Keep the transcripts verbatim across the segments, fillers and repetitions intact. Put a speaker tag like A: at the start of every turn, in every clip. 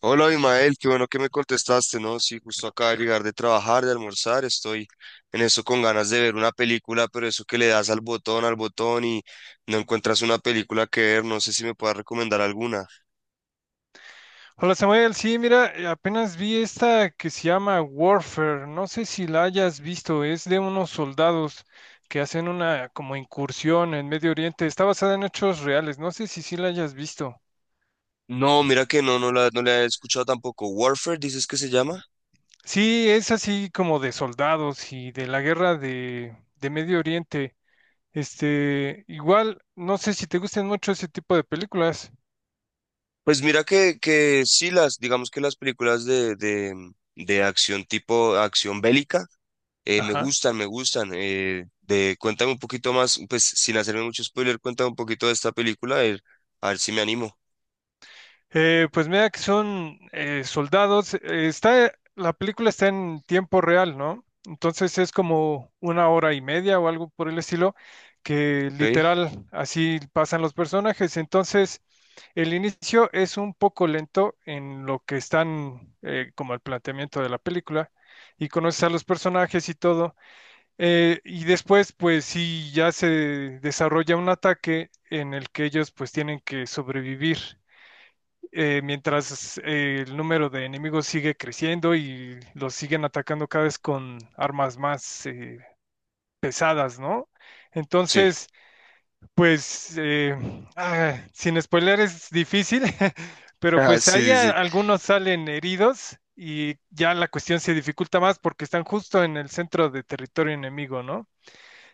A: Hola, Imael, qué bueno que me contestaste, ¿no? Sí, justo acaba de llegar de trabajar, de almorzar, estoy en eso con ganas de ver una película, pero eso que le das al botón, al botón y no encuentras una película que ver, no sé si me puedas recomendar alguna.
B: Hola Samuel, sí, mira, eh, apenas vi esta que se llama Warfare, no sé si la hayas visto, es de unos soldados que hacen una como incursión en Medio Oriente, está basada en hechos reales, no sé si sí la hayas visto.
A: No, mira que no, no la, no la he escuchado tampoco. Warfare, dices que se llama.
B: Sí, es así como de soldados y de la guerra de, de Medio Oriente. Este, igual, no sé si te gustan mucho ese tipo de películas.
A: Pues mira que, que sí, las, digamos que las películas de, de, de acción tipo acción bélica. Eh, me
B: Ajá.
A: gustan, me gustan. Eh, de, cuéntame un poquito más, pues sin hacerme mucho spoiler, cuéntame un poquito de esta película, a ver, a ver si me animo.
B: Eh, pues mira que son eh, soldados. eh, está, la película está en tiempo real, ¿no? Entonces es como una hora y media o algo por el estilo, que
A: ¿Ok?
B: literal así pasan los personajes. Entonces el inicio es un poco lento en lo que están eh, como el planteamiento de la película y conoces a los personajes y todo. Eh, y después, pues sí, ya se desarrolla un ataque en el que ellos pues tienen que sobrevivir eh, mientras eh, el número de enemigos sigue creciendo y los siguen atacando cada vez con armas más eh, pesadas, ¿no?
A: Sí.
B: Entonces, pues, eh, ah, sin spoiler es difícil, pero
A: Ah,
B: pues ahí
A: sí, sí,
B: a-
A: sí.
B: algunos salen heridos y ya la cuestión se dificulta más porque están justo en el centro de territorio enemigo, ¿no?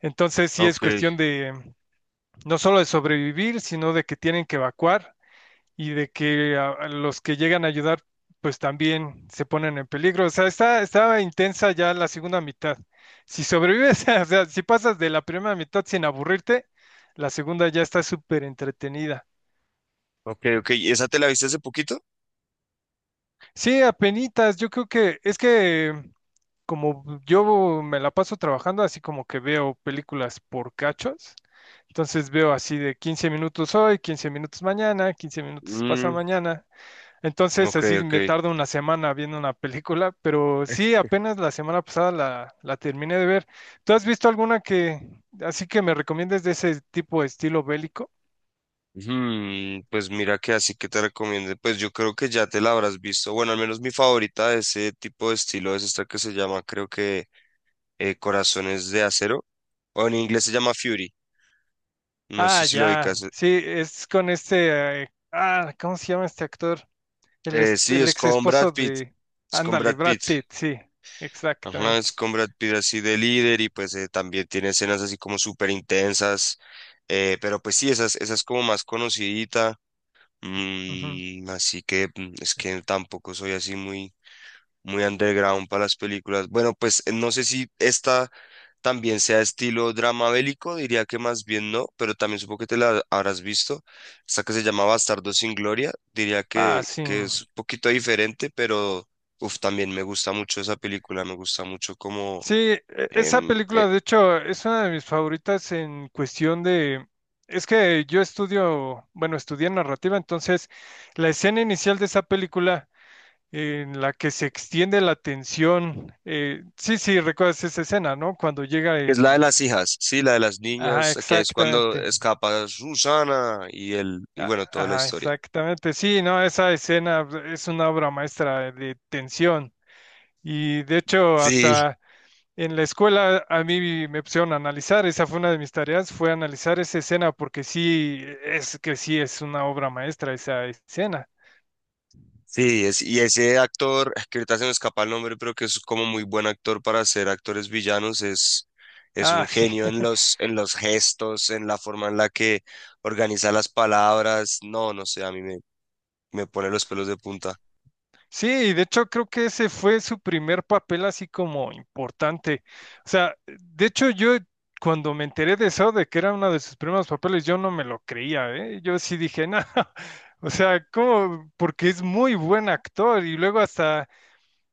B: Entonces sí es
A: Ok,
B: cuestión de no solo de sobrevivir, sino de que tienen que evacuar y de que a- a los que llegan a ayudar, pues también se ponen en peligro. O sea, está, estaba intensa ya la segunda mitad. Si sobrevives, o sea, si pasas de la primera mitad sin aburrirte, la segunda ya está súper entretenida.
A: ok, ok. ¿Y esa te la viste hace poquito?
B: Sí, apenitas, yo creo que es que mm, como yo me la paso trabajando, así como que veo películas por cachos. Entonces veo así de quince minutos hoy, quince minutos mañana, quince minutos pasa
A: Mm,
B: mañana. Entonces,
A: ok,
B: así
A: ok.
B: me tardo una semana viendo una película, pero sí, apenas la semana pasada la, la terminé de ver. ¿Tú has visto alguna que, así que me recomiendes de ese tipo de estilo bélico?
A: Hmm, pues mira que así que te recomiendo. Pues yo creo que ya te la habrás visto. Bueno, al menos mi favorita de ese tipo de estilo es esta que se llama, creo que eh, Corazones de Acero. O en inglés se llama Fury. No sé
B: Ah,
A: si lo
B: ya,
A: ubicas.
B: sí, es con este, eh, ah, ¿cómo se llama este actor? El,
A: Eh,
B: es-
A: sí,
B: el
A: es
B: ex
A: con Brad
B: esposo
A: Pitt.
B: de,
A: Es con
B: ándale,
A: Brad
B: Brad
A: Pitt.
B: Pitt, sí,
A: Ajá, es
B: exactamente.
A: con Brad Pitt así de líder y pues eh, también tiene escenas así como súper intensas. Eh, pero pues sí, esas, esas como más conocidita.
B: Ujú.
A: Mm, así que mm, es que tampoco soy así muy muy underground para las películas. Bueno, pues eh, no sé si esta también sea estilo drama bélico, diría que más bien no, pero también supongo que te la habrás visto. Esta que se llama Bastardo sin Gloria, diría
B: Ah,
A: que,
B: sí.
A: que es un poquito diferente, pero uf, también me gusta mucho esa película, me gusta mucho como...
B: Sí, e- esa
A: em, eh,
B: película de hecho es una de mis favoritas en cuestión de... Es que yo estudio, bueno, estudié narrativa, entonces la escena inicial de esa película en la que se extiende la tensión, eh, sí, sí, recuerdas esa escena, ¿no? Cuando llega
A: es la de
B: el...
A: las hijas, sí, la de las
B: Ajá,
A: niñas, que es cuando
B: exactamente.
A: escapa Susana y el, y
B: A-
A: bueno, toda la
B: Ajá,
A: historia.
B: exactamente. Sí, no, esa escena es una obra maestra de tensión y de hecho
A: Sí,
B: hasta... En la escuela a mí me pusieron a analizar, esa fue una de mis tareas, fue analizar esa escena porque sí, es que sí es una obra maestra esa escena.
A: sí, es, y ese actor, es que ahorita se me escapa el nombre, pero que es como muy buen actor para ser actores villanos, es, es
B: Ah,
A: un
B: sí.
A: genio en los, en los gestos, en la forma en la que organiza las palabras. No, no sé, a mí me, me pone los pelos de punta.
B: Sí, de hecho creo que ese fue su primer papel así como importante. O sea, de hecho yo cuando me enteré de eso, de que era uno de sus primeros papeles, yo no me lo creía, ¿eh? Yo sí dije, no, o sea, ¿cómo? Porque es muy buen actor y luego hasta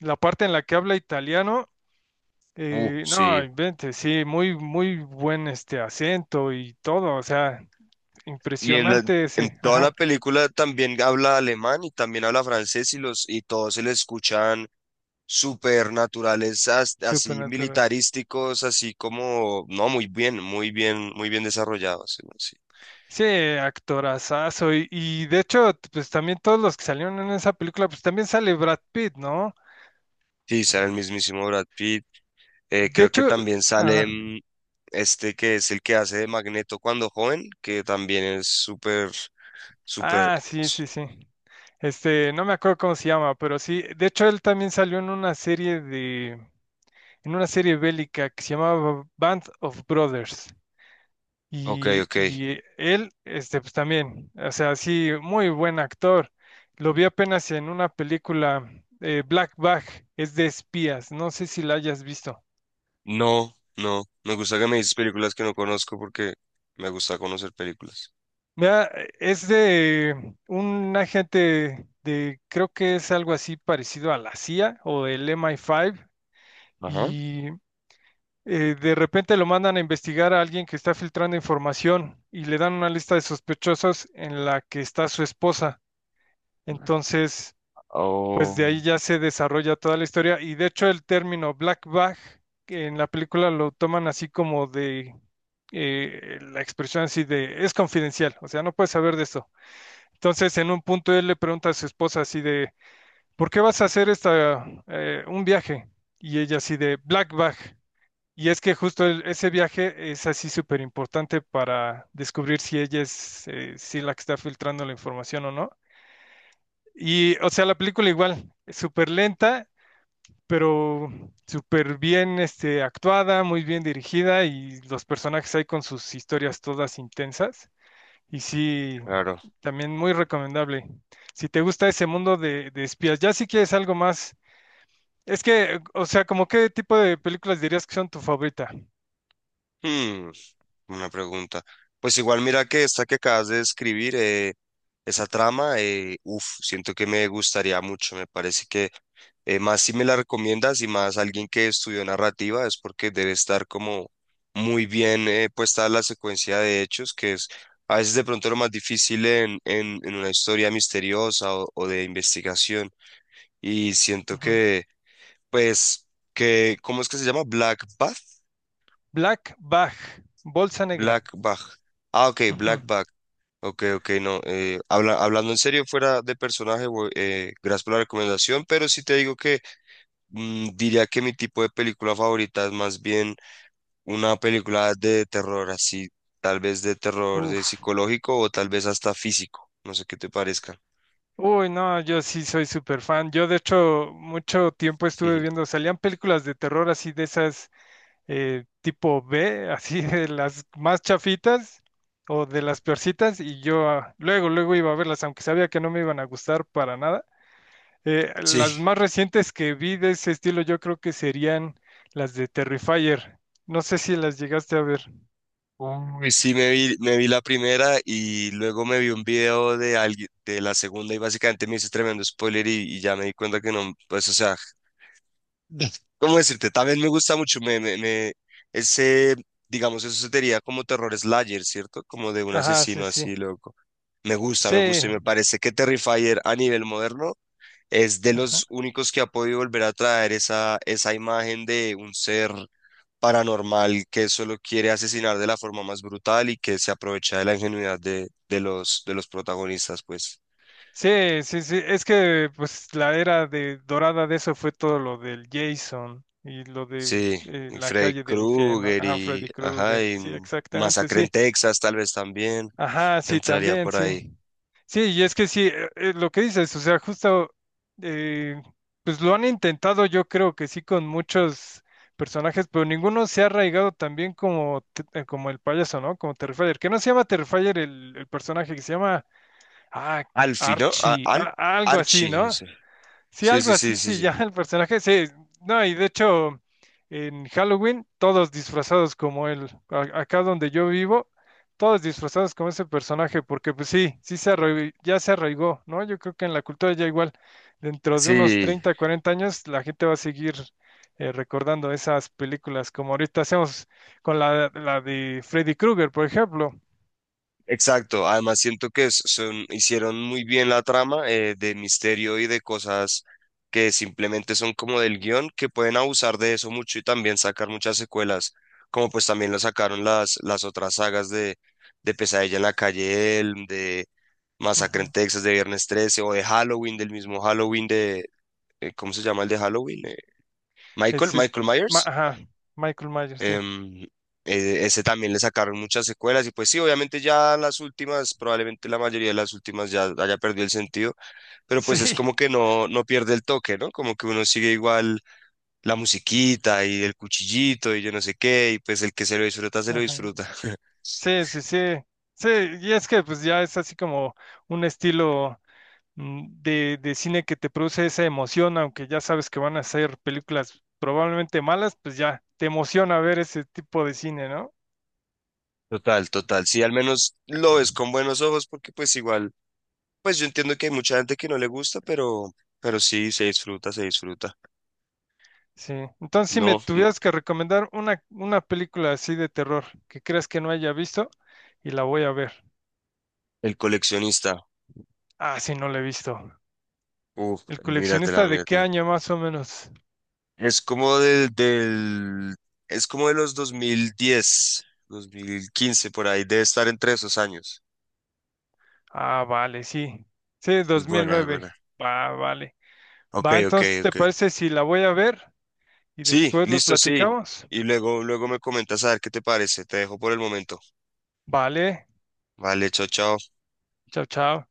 B: la parte en la que habla italiano.
A: Uh,
B: Eh, no,
A: sí.
B: invente, sí, muy, muy buen este acento y todo, o sea,
A: Y en la,
B: impresionante
A: en
B: ese,
A: toda la
B: ajá,
A: película también habla alemán y también habla francés y los, y todos se le escuchan súper naturales, as- así
B: supernaturales.
A: militarísticos, así como, no, muy bien, muy bien, muy bien desarrollados. Sí. Sí.
B: Sí, actorazazo, y, y de hecho, t- pues también todos los que salieron en esa película, pues también sale Brad Pitt, ¿no?
A: Sí, sale el mismísimo Brad Pitt. Eh,
B: De
A: creo que
B: hecho,
A: también sale
B: ajá,
A: mm, este que es el que hace de Magneto cuando joven, que también es súper, súper...
B: ah, sí,
A: s-
B: sí, sí. Este, no me acuerdo cómo se llama, pero sí, de hecho él también salió en una serie de, en una serie bélica que se llamaba Band of Brothers.
A: Ok,
B: Y,
A: ok.
B: y él, este, pues también, o sea, sí, muy buen actor. Lo vi apenas en una película, eh, Black Bag, es de espías, no sé si la hayas visto.
A: No, no. Me gusta que me dices películas que no conozco porque me gusta conocer películas.
B: Mira, es de un agente de, creo que es algo así parecido a la C I A o el M I cinco,
A: Ajá.
B: y eh, de repente lo mandan a investigar a alguien que está filtrando información y le dan una lista de sospechosos en la que está su esposa. Entonces pues
A: Oh,
B: de ahí ya se desarrolla toda la historia y de hecho el término black bag que en la película lo toman así como de eh, la expresión así de es confidencial, o sea, no puedes saber de esto. Entonces en un punto él le pregunta a su esposa así de ¿por qué vas a hacer esta eh, un viaje? Y ella así de black bag. Y es que justo el- ese viaje es así súper importante para descubrir si ella es eh, si la que está filtrando la información o no. Y, o sea, la película igual, es súper lenta, pero súper bien este, actuada, muy bien dirigida y los personajes ahí con sus historias todas intensas. Y sí,
A: claro.
B: también muy recomendable. Si te gusta ese mundo de, de espías, ya si quieres algo más. Es que, o sea, ¿como qué tipo de películas dirías que son tu favorita?
A: Hmm, una pregunta. Pues igual mira que esta que acabas de describir, eh, esa trama, eh, uf, siento que me gustaría mucho. Me parece que Eh, más si me la recomiendas y más alguien que estudió narrativa es porque debe estar como muy bien eh, puesta la secuencia de hechos, que es a veces de pronto lo más difícil en, en, en una historia misteriosa o, o de investigación. Y siento
B: Ujú,
A: que, pues, que, ¿cómo es que se llama? Black Bath.
B: Black Bag, Bolsa Negra.
A: Black Bag. Ah, ok,
B: Ujú.
A: Black Bag. Ok, ok, no. Eh, habla- hablando en serio, fuera de personaje, voy- eh, gracias por la recomendación, pero sí te digo que... Mm, diría que mi tipo de película favorita es más bien una película de terror, así, tal vez de terror de
B: Uf.
A: psicológico o tal vez hasta físico. No sé qué te parezca.
B: Uy, no, yo sí soy súper fan. Yo, de hecho, mucho tiempo estuve viendo, salían películas de terror así de esas eh, tipo B, así de las más chafitas o de las peorcitas, y yo ah, luego, luego iba a verlas, aunque sabía que no me iban a gustar para nada. Eh, las
A: Sí.
B: más recientes que vi de ese estilo, yo creo que serían las de Terrifier. No sé si las llegaste a ver.
A: Uy, sí, me vi, me vi la primera y luego me vi un video de alguien de la segunda y básicamente me hice tremendo spoiler y, y ya me di cuenta que no, pues, o sea, ¿cómo decirte? También me gusta mucho, me, me, me- ese, digamos, eso sería como terror slayer, ¿cierto? Como de un
B: Ajá, sí,
A: asesino
B: sí.
A: así loco. Me gusta,
B: Sí,
A: me gusta y me parece que Terrifier a nivel moderno es de
B: ajá.
A: los únicos que ha podido volver a traer esa, esa imagen de un ser paranormal que solo quiere asesinar de la forma más brutal y que se aprovecha de la ingenuidad de, de los, de los protagonistas, pues.
B: Sí, sí, sí. Es que pues la era de dorada de eso fue todo lo del Jason y lo de
A: Sí,
B: eh,
A: y
B: la
A: Freddy
B: calle del infierno.
A: Krueger
B: Ajá,
A: y,
B: Freddy
A: ajá,
B: Krueger.
A: y
B: Sí, exactamente,
A: Masacre
B: sí.
A: en Texas tal vez también
B: Ajá, sí,
A: entraría
B: también,
A: por
B: sí.
A: ahí.
B: Sí, y es que sí, eh, eh, lo que dices, o sea, justo, eh, pues lo han intentado yo creo que sí con muchos personajes, pero ninguno se ha arraigado tan bien como, te- eh, como el payaso, ¿no? Como Terrifier, que no se llama Terrifier el, el personaje, que se llama, ah,
A: Alfie, ¿no? A-
B: Archie,
A: Al
B: a- algo así,
A: Archie,
B: ¿no?
A: ese.
B: Sí,
A: Sí,
B: algo
A: sí, sí,
B: así
A: sí,
B: se
A: sí.
B: llama el personaje. Sí, no, y de hecho, en Halloween, todos disfrazados como él. A- acá donde yo vivo, todos disfrazados como ese personaje, porque pues sí, sí se arraig- ya se arraigó, ¿no? Yo creo que en la cultura ya igual, dentro de unos
A: Sí,
B: treinta, cuarenta años, la gente va a seguir eh, recordando esas películas, como ahorita hacemos con la, la de Freddy Krueger, por ejemplo.
A: exacto, además siento que s- son, hicieron muy bien la trama eh, de misterio y de cosas que simplemente son como del guión, que pueden abusar de eso mucho y también sacar muchas secuelas, como pues también lo sacaron las, las otras sagas de, de Pesadilla en la calle Elm, de Masacre en
B: Ujú.
A: Texas, de Viernes trece o de Halloween, del mismo Halloween de, eh, ¿cómo se llama el de Halloween? Eh, Michael,
B: Ese es,
A: Michael
B: ma-
A: Myers.
B: ajá, Michael Myers, sí.
A: Em, eh, Ese también le sacaron muchas secuelas y pues sí, obviamente ya las últimas, probablemente la mayoría de las últimas ya haya perdido el sentido, pero
B: Sí,
A: pues es como que no, no pierde el toque, ¿no? Como que uno sigue igual la musiquita y el cuchillito y yo no sé qué, y pues el que se lo disfruta, se lo
B: ajá.
A: disfruta.
B: Sí, sí, sí. Sí, y es que pues ya es así como un estilo mm, de, de cine que te produce esa emoción, aunque ya sabes que van a ser películas probablemente malas, pues ya te emociona ver ese tipo de cine, ¿no?
A: Total, total. Sí, al menos lo ves con buenos ojos porque pues igual, pues yo entiendo que hay mucha gente que no le gusta, pero, pero sí, se disfruta, se disfruta.
B: Sí. Entonces, si me
A: No,
B: tuvieras que recomendar una, una, película así de terror que creas que no haya visto y la voy a ver.
A: el coleccionista.
B: Ah, sí, no la he visto.
A: Uf,
B: ¿El
A: míratela,
B: coleccionista de qué
A: míratela.
B: año más o menos?
A: Es como del, del, es como de los dos dos mil diez, dos mil quince por ahí, debe estar entre esos años.
B: Ah, vale, sí. Sí,
A: Es
B: dos mil
A: buena, es buena.
B: nueve Va, vale.
A: Ok,
B: Va,
A: ok,
B: entonces, ¿te
A: ok.
B: parece si la voy a ver y
A: Sí,
B: después lo
A: listo, sí.
B: platicamos?
A: Y luego, luego me comentas a ver qué te parece. Te dejo por el momento.
B: Vale.
A: Vale, chao, chao.
B: Chao, chao.